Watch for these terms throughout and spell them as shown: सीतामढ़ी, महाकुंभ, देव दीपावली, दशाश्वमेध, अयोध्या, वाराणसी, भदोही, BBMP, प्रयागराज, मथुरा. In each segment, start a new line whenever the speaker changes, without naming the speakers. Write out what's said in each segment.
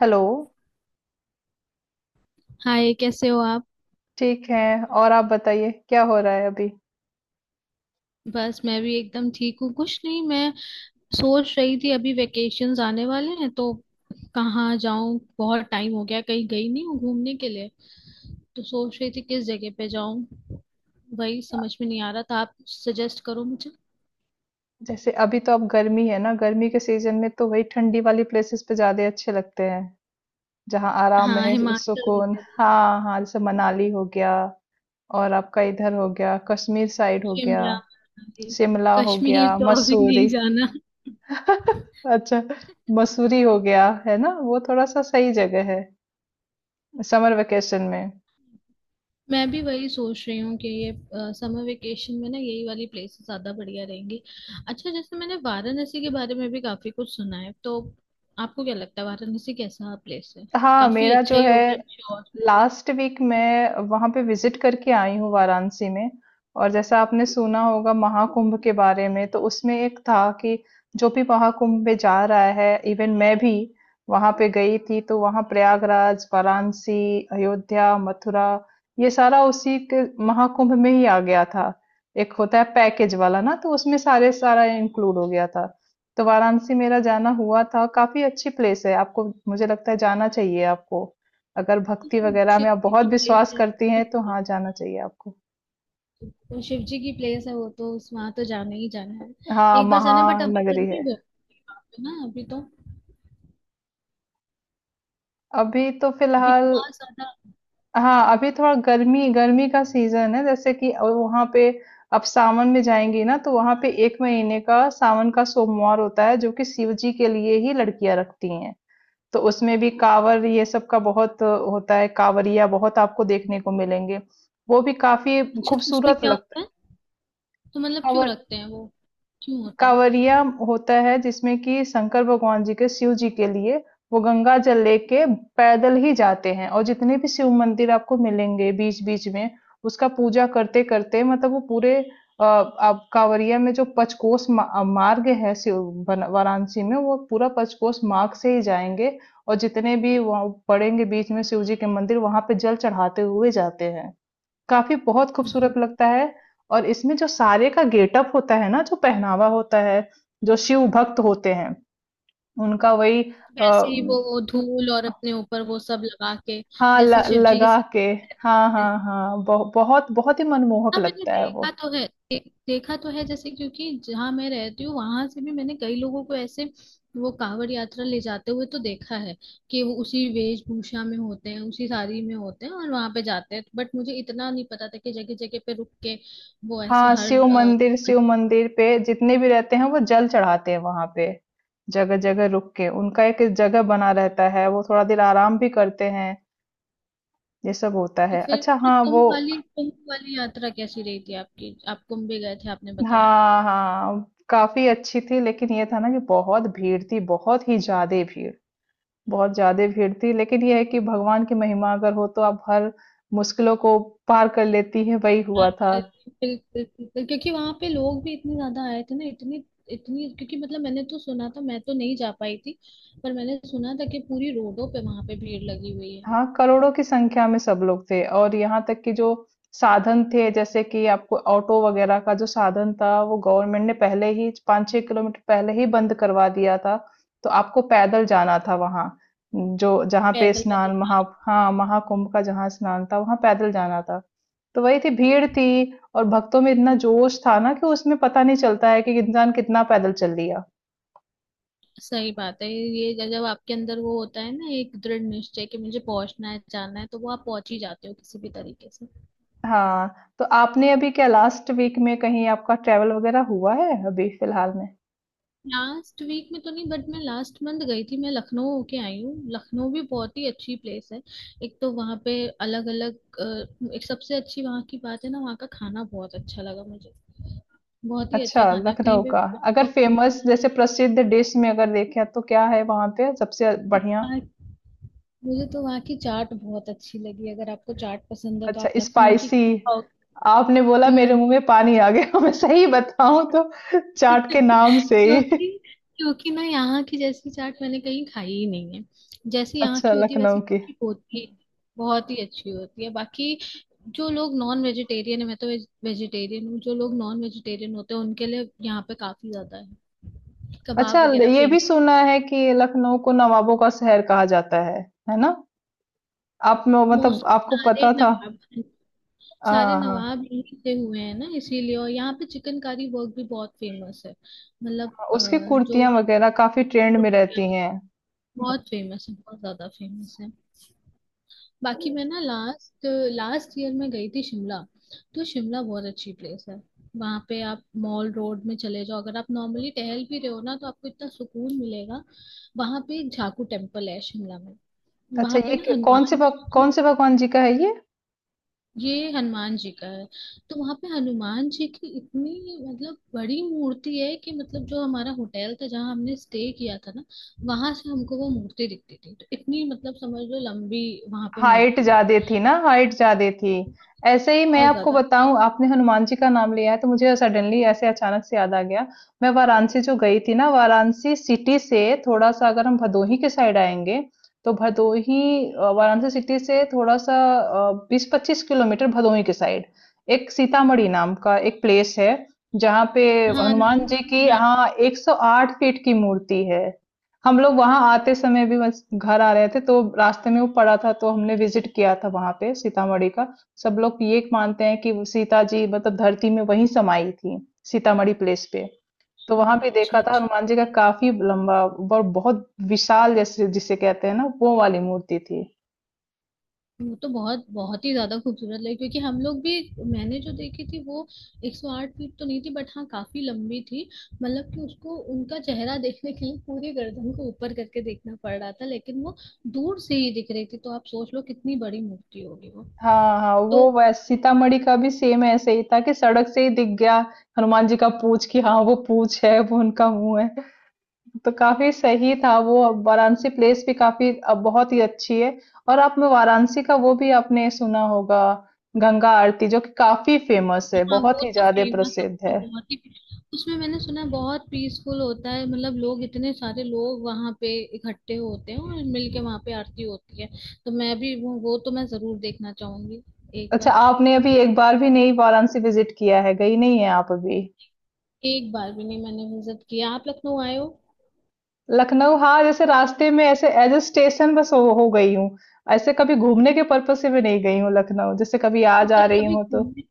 Hello,
hi, कैसे हो आप।
ठीक है। और आप बताइए क्या हो रहा है अभी?
बस मैं भी एकदम ठीक हूँ। कुछ नहीं, मैं सोच रही थी अभी वेकेशंस आने वाले हैं तो कहाँ जाऊँ। बहुत टाइम हो गया, कहीं गई नहीं हूँ घूमने के लिए, तो सोच रही थी किस जगह पे जाऊँ। वही समझ में नहीं आ रहा था, आप सजेस्ट करो मुझे।
जैसे अभी तो अब गर्मी है ना, गर्मी के सीजन में तो वही ठंडी वाली प्लेसेस पे ज्यादा अच्छे लगते हैं, जहाँ आराम
हाँ,
है,
हिमाचल
सुकून।
वगैरह।
हाँ हाँ, जैसे मनाली हो गया और आपका इधर हो गया, कश्मीर साइड हो गया,
शिमला मनाली।
शिमला हो गया,
कश्मीर तो अभी नहीं
मसूरी।
जाना।
अच्छा, मसूरी हो गया है ना, वो थोड़ा सा सही जगह है समर वेकेशन में।
मैं भी वही सोच रही हूँ कि ये समर वेकेशन में ना यही वाली प्लेसेस ज्यादा बढ़िया रहेंगी। अच्छा, जैसे मैंने वाराणसी के बारे में भी काफी कुछ सुना है, तो आपको क्या लगता है वाराणसी कैसा प्लेस है।
हाँ,
काफी
मेरा
अच्छा
जो
ही
है
होगा श्योर।
लास्ट वीक मैं वहां पे विजिट करके आई हूँ वाराणसी में। और जैसा आपने सुना होगा महाकुंभ के बारे में, तो उसमें एक था कि जो भी महाकुंभ में जा रहा है, इवन मैं भी वहां पे गई थी, तो वहां प्रयागराज, वाराणसी, अयोध्या, मथुरा, ये सारा उसी के महाकुंभ में ही आ गया था। एक होता है पैकेज वाला ना, तो उसमें सारे सारा इंक्लूड हो गया था। तो वाराणसी मेरा जाना हुआ था, काफी अच्छी प्लेस है, आपको मुझे लगता है जाना चाहिए आपको। अगर भक्ति वगैरह
शिव
में आप
जी
बहुत
की प्लेस
विश्वास
है,
करती हैं, तो हाँ, जाना चाहिए आपको।
तो शिव जी की प्लेस है वो तो, उस वहां तो जाना ही जाना है।
हाँ,
एक बार जाना है, बट अभी
महानगरी
गर्मी
है।
बहुत है वहाँ पे ना अभी तो।
अभी तो
अभी तो
फ़िलहाल
बहुत ज्यादा।
हाँ, अभी थोड़ा गर्मी गर्मी का सीज़न है जैसे कि। और वहाँ पे आप सावन में जाएँगी ना, तो वहाँ पे 1 महीने का सावन का सोमवार होता है, जो कि शिव जी के लिए ही लड़कियाँ रखती हैं। तो उसमें भी काँवड़ ये सब का बहुत होता है, काँवड़िया बहुत आपको देखने को मिलेंगे। वो भी काफ़ी
अच्छा, तो उसमें
खूबसूरत
क्या
लगता है।
होता है। तो मतलब क्यों
काँवड़
रखते हैं वो, क्यों होता है।
कांवरिया होता है जिसमें कि शंकर भगवान जी के, शिव जी के लिए वो गंगा जल लेके पैदल ही जाते हैं, और जितने भी शिव मंदिर आपको मिलेंगे बीच बीच में उसका पूजा करते करते, मतलब वो पूरे आप कांवरिया में जो पचकोस मार्ग है, शिव वाराणसी में वो पूरा पचकोस मार्ग से ही जाएंगे। और जितने भी वहाँ पड़ेंगे बीच में शिव जी के मंदिर, वहां पे जल चढ़ाते हुए जाते हैं, काफ़ी बहुत खूबसूरत
तो
लगता है। और इसमें जो सारे का गेटअप होता है ना, जो पहनावा होता है, जो शिव भक्त होते हैं, उनका वही
वैसे ही
अ,
वो धूल और अपने ऊपर वो सब लगा के,
हाँ, ल
जैसे शिव जी के
लगा
साथ।
के, हाँ, हाँ, हाँ, बहुत बहुत ही मनमोहक
हाँ, मैंने
लगता है वो।
देखा तो है देखा तो है। जैसे, क्योंकि जहाँ मैं रहती हूँ वहां से भी मैंने कई लोगों को ऐसे वो कांवड़ यात्रा ले जाते हुए तो देखा है कि वो उसी वेशभूषा में होते हैं, उसी साड़ी में होते हैं और वहां पे जाते हैं। बट मुझे इतना नहीं पता था कि जगह जगह पे रुक के वो ऐसे
हाँ,
हर
शिव मंदिर पे जितने भी रहते हैं वो जल चढ़ाते हैं वहाँ पे, जगह-जगह रुक के। उनका एक जगह बना रहता है, वो थोड़ा देर आराम भी करते हैं, ये सब होता
तो
है। अच्छा
फिर
हाँ, वो
कुंभ वाली यात्रा कैसी रही थी आपकी। आप कुंभ भी गए थे आपने बताया।
हाँ हाँ, काफी अच्छी थी, लेकिन ये था ना कि बहुत भीड़ थी, बहुत ही ज्यादा भीड़, बहुत ज्यादा भीड़ थी। लेकिन ये है कि भगवान की महिमा अगर हो, तो आप हर मुश्किलों को पार कर लेती है, वही
हाँ,
हुआ था।
बिल्कुल बिल्कुल, क्योंकि वहां पे लोग भी इतने ज्यादा आए थे ना, इतनी इतनी क्योंकि, मतलब मैंने तो सुना था, मैं तो नहीं जा पाई थी, पर मैंने सुना था कि पूरी रोडों पे वहां पे भीड़ लगी हुई है।
हाँ, करोड़ों की संख्या में सब लोग थे, और यहाँ तक कि जो साधन थे, जैसे कि आपको ऑटो वगैरह का जो साधन था, वो गवर्नमेंट ने पहले ही 5-6 किलोमीटर पहले ही बंद करवा दिया था। तो आपको पैदल जाना था वहाँ, जो जहाँ पे
पैदल पैदल।
स्नान। महा हाँ, महाकुंभ का जहाँ स्नान था, वहाँ पैदल जाना था। तो वही थी, भीड़ थी, और भक्तों में इतना जोश था ना कि उसमें पता नहीं चलता है कि इंसान कितना पैदल चल लिया।
सही बात है ये, जब जब आपके अंदर वो होता है ना एक दृढ़ निश्चय कि मुझे पहुंचना है, जाना है, तो वो आप पहुंच ही जाते हो किसी भी तरीके से।
हाँ, तो आपने अभी क्या लास्ट वीक में कहीं आपका ट्रेवल वगैरह हुआ है अभी फिलहाल में?
लास्ट वीक में तो नहीं बट मैं लास्ट मंथ गई थी, मैं लखनऊ होके आई हूँ। लखनऊ भी बहुत ही अच्छी प्लेस है। एक तो वहाँ पे अलग अलग, एक सबसे अच्छी वहाँ की बात है ना, वहाँ का खाना बहुत अच्छा लगा मुझे। बहुत ही
अच्छा,
अच्छा खाना है। आप
लखनऊ
कहीं पे
का अगर फेमस जैसे प्रसिद्ध डिश में अगर देखें, तो क्या है वहां पे सबसे बढ़िया?
मुझे तो वहाँ की चाट बहुत अच्छी लगी। अगर आपको चाट पसंद है तो
अच्छा,
आप लखनऊ की
स्पाइसी।
खाओ।
आपने बोला मेरे
हम्म।
मुंह में पानी आ गया। मैं सही बताऊं तो चाट के नाम से ही।
क्योंकि क्योंकि ना यहाँ की जैसी चाट मैंने कहीं खाई ही नहीं है। जैसे यहाँ
अच्छा,
की होती है
लखनऊ
वैसे
की।
की होती, बहुत ही अच्छी होती है। बाकी जो लोग नॉन वेजिटेरियन है, मैं तो वेजिटेरियन हूँ, जो लोग नॉन वेजिटेरियन होते हैं उनके लिए यहाँ पे काफी ज्यादा है,
अच्छा,
कबाब वगैरह
ये भी
फेमस।
सुना है कि लखनऊ को नवाबों का शहर कहा जाता है ना? आप में मतलब
मोस्टली
आपको
सारे
पता था?
नवाब, सारे
हाँ हाँ
नवाब यहीं से हुए हैं ना इसीलिए। और यहाँ पे चिकनकारी वर्क भी बहुत फेमस है, मतलब
हाँ, उसकी
जो
कुर्तियां वगैरह काफी ट्रेंड
आपको
में रहती हैं।
बहुत फेमस है, बहुत ज्यादा फेमस है। बाकी मैं ना लास्ट लास्ट ईयर में गई थी शिमला, तो शिमला बहुत अच्छी प्लेस है। वहां पे आप मॉल रोड में चले जाओ, अगर आप नॉर्मली टहल भी रहे हो ना, तो आपको इतना सुकून मिलेगा। वहां पे एक झाकू टेम्पल है शिमला में।
अच्छा,
वहां पे
ये
ना
क कौन से
हनुमान
भग
जी,
कौन से भगवान जी का है ये?
ये हनुमान जी का है। तो वहां पे हनुमान जी की इतनी, मतलब बड़ी मूर्ति है कि, मतलब जो हमारा होटल था जहाँ हमने स्टे किया था ना, वहां से हमको वो मूर्ति दिखती थी। तो इतनी, मतलब समझ लो लंबी वहां पे
हाइट
मूर्ति है।
ज्यादा थी ना, हाइट ज्यादा थी। ऐसे ही मैं
बहुत
आपको
ज्यादा।
बताऊं, आपने हनुमान जी का नाम लिया है तो मुझे सडनली ऐसे अचानक से याद आ गया। मैं वाराणसी जो गई थी ना, वाराणसी सिटी से थोड़ा सा अगर हम भदोही के साइड आएंगे, तो भदोही वाराणसी सिटी से थोड़ा सा 20-25 किलोमीटर भदोही के साइड एक सीतामढ़ी नाम का एक प्लेस है, जहाँ पे
हाँ,
हनुमान
नाम
जी की,
सुना है।
हाँ, 108 फीट की मूर्ति है। हम लोग वहां आते समय भी बस घर आ रहे थे, तो रास्ते में वो पड़ा था, तो हमने विजिट किया था वहां पे सीतामढ़ी का। सब लोग ये मानते हैं कि वो सीता जी मतलब धरती में वहीं समाई थी, सीतामढ़ी प्लेस पे। तो वहां भी
अच्छा
देखा था,
अच्छा,
हनुमान जी का काफी लंबा और बहुत विशाल, जैसे जिसे कहते हैं ना, वो वाली मूर्ति थी।
वो तो बहुत बहुत ही ज्यादा खूबसूरत लगी क्योंकि हम लोग भी, मैंने जो देखी थी वो 108 फीट तो नहीं थी, बट हाँ काफी लंबी थी। मतलब कि उसको, उनका चेहरा देखने के लिए पूरी गर्दन को ऊपर करके देखना पड़ रहा था, लेकिन वो दूर से ही दिख रही थी, तो आप सोच लो कितनी बड़ी मूर्ति होगी वो।
हाँ हाँ,
तो
वो वैसे सीतामढ़ी का भी सेम ऐसे ही था कि सड़क से ही दिख गया हनुमान जी का पूंछ, कि हाँ वो पूंछ है, वो उनका मुंह है। तो काफ़ी सही था वो। अब वाराणसी प्लेस भी काफ़ी बहुत ही अच्छी है। और आप में वाराणसी का वो भी आपने सुना होगा, गंगा आरती जो कि काफ़ी फेमस है,
हाँ,
बहुत
वो
ही
तो
ज़्यादा
फेमस है,
प्रसिद्ध
वो तो
है।
बहुत ही। उसमें मैंने सुना है बहुत पीसफुल होता है, मतलब लोग, इतने सारे लोग वहां पे इकट्ठे होते हैं और मिलके वहां पे आरती होती है। तो मैं भी वो तो मैं जरूर देखना चाहूंगी एक
अच्छा,
बार।
आपने अभी एक बार भी नहीं वाराणसी विजिट किया है, गई नहीं है आप अभी?
एक बार भी नहीं मैंने विजिट किया। आप लखनऊ आए हो?
लखनऊ, हाँ, जैसे रास्ते में ऐसे एज अ स्टेशन बस हो गई हूँ। ऐसे कभी घूमने के पर्पज़ से भी नहीं गई हूँ लखनऊ, जैसे कभी आज आ जा
पर
रही हूँ तो।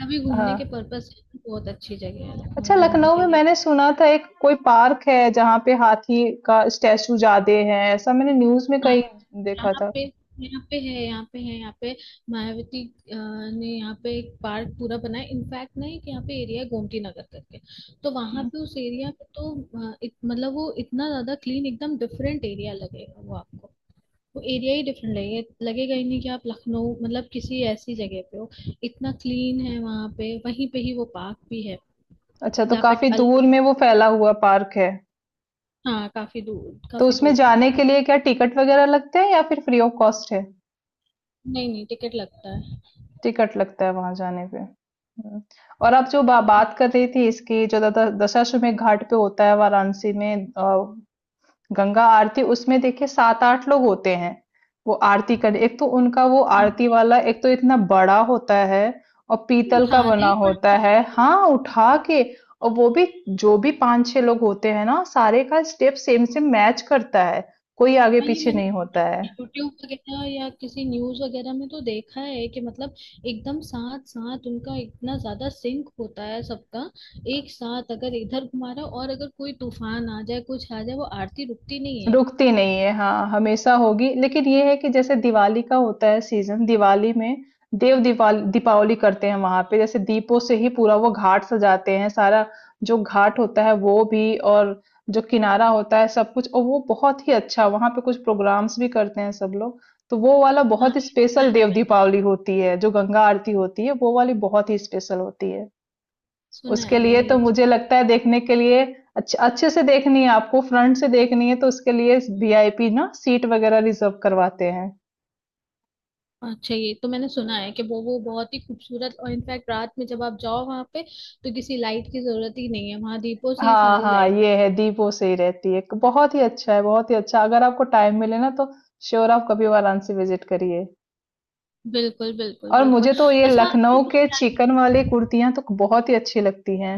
कभी घूमने
हाँ।
के पर्पस से बहुत अच्छी जगह है
अच्छा,
लखनऊ घूमने
लखनऊ
के
में
लिए।
मैंने सुना था एक कोई पार्क है जहाँ पे हाथी का स्टैचू ज्यादा है, ऐसा मैंने न्यूज में कहीं देखा
यहाँ
था।
पे, यहाँ पे है, यहाँ पे है। यहाँ पे मायावती अ, ने यहाँ पे एक पार्क पूरा बनाया। इनफैक्ट ना एक यहाँ पे एरिया है गोमती नगर करके, तो वहां पे उस एरिया पे तो मतलब वो इतना ज्यादा क्लीन, एकदम डिफरेंट एरिया लगेगा वो आपको। वो एरिया ही डिफरेंट लगेगा, लगेगा ही नहीं कि आप लखनऊ, मतलब किसी ऐसी जगह पे हो। इतना क्लीन है वहां पे। वहीं पे ही वो पार्क भी है,
अच्छा, तो
यहाँ पे
काफी दूर
अलग।
में वो फैला हुआ पार्क है?
हाँ, काफी दूर,
तो
काफी
उसमें
दूर में है।
जाने के लिए क्या टिकट वगैरह लगते हैं या फिर फ्री ऑफ कॉस्ट है?
नहीं नहीं, टिकट लगता है।
टिकट लगता है वहां जाने पे, और आप जो बात कर रही थी इसकी, जो दशाश्वमेध घाट पे होता है वाराणसी में, गंगा आरती, उसमें देखिए सात आठ लोग होते हैं वो आरती करने। एक तो उनका वो
हाँ,
आरती वाला, एक तो इतना बड़ा होता है और पीतल का
उठाना
बना
ही बड़ा
होता है,
मुश्किल है।
हाँ, उठा के। और वो भी जो भी पांच छह लोग होते हैं ना, सारे का स्टेप सेम सेम मैच करता है, कोई आगे
हाँ, ये
पीछे
मैंने
नहीं होता है।
यूट्यूब वगैरह या किसी न्यूज वगैरह में तो देखा है कि मतलब एकदम साथ साथ उनका इतना ज्यादा सिंक होता है सबका। एक साथ अगर इधर घुमा रहा है, और अगर कोई तूफान आ जाए, कुछ आ जाए, वो आरती रुकती नहीं है।
रुकती नहीं है हाँ, हमेशा होगी। लेकिन ये है कि जैसे दिवाली का होता है सीजन, दिवाली में देव दीपावली दीपावली करते हैं वहां पे, जैसे दीपों से ही पूरा वो घाट सजाते हैं सारा। जो घाट होता है वो भी, और जो किनारा होता है सब कुछ, और वो बहुत ही अच्छा, वहां पे कुछ प्रोग्राम्स भी करते हैं सब लोग। तो वो वाला
हाँ
बहुत ही
ये सुना
स्पेशल देव
है,
दीपावली होती है, जो गंगा आरती होती है वो वाली बहुत ही स्पेशल होती है।
सुना
उसके
है
लिए
मैंने
तो
ये चीज।
मुझे लगता है देखने के लिए, अच्छे अच्छे से देखनी है आपको, फ्रंट से देखनी है तो उसके लिए वीआईपी ना सीट वगैरह रिजर्व करवाते हैं।
अच्छा, ये तो मैंने सुना है कि वो बहुत ही खूबसूरत, और इनफैक्ट रात में जब आप जाओ वहां पे तो किसी लाइट की जरूरत ही नहीं है, वहां दीपों से ही
हाँ
सारी
हाँ,
लाइट।
ये है, दीप वो सही रहती है, बहुत ही अच्छा है, बहुत ही अच्छा। अगर आपको टाइम मिले ना, तो श्योर आप कभी वाराणसी विजिट करिए।
बिल्कुल बिल्कुल
और
बिल्कुल।
मुझे तो ये
अच्छा, आपने
लखनऊ
कुछ।
के चिकन वाली कुर्तियां तो बहुत ही अच्छी लगती हैं,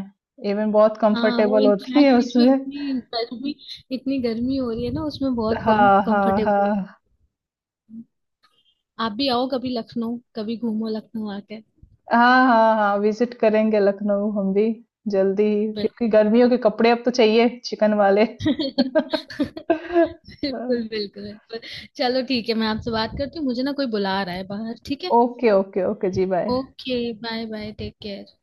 इवन बहुत
हाँ, वो
कंफर्टेबल होती है
इनफैक्ट ये जो
उसमें।
इतनी गर्मी हो रही है ना, उसमें बहुत कम
हाँ हाँ
कंफर्टेबल।
हाँ
आप भी आओ कभी लखनऊ, कभी घूमो लखनऊ आके।
हाँ, हाँ, हाँ, विजिट करेंगे लखनऊ हम भी जल्दी ही,
बिल-
क्योंकि गर्मियों के कपड़े अब तो चाहिए चिकन वाले।
बिल्कुल बिल्कुल बिल्कुल। चलो ठीक है, मैं आपसे बात करती हूँ, मुझे ना कोई बुला रहा है बाहर। ठीक है,
ओके ओके ओके जी, bye.
Okay bye bye, take care.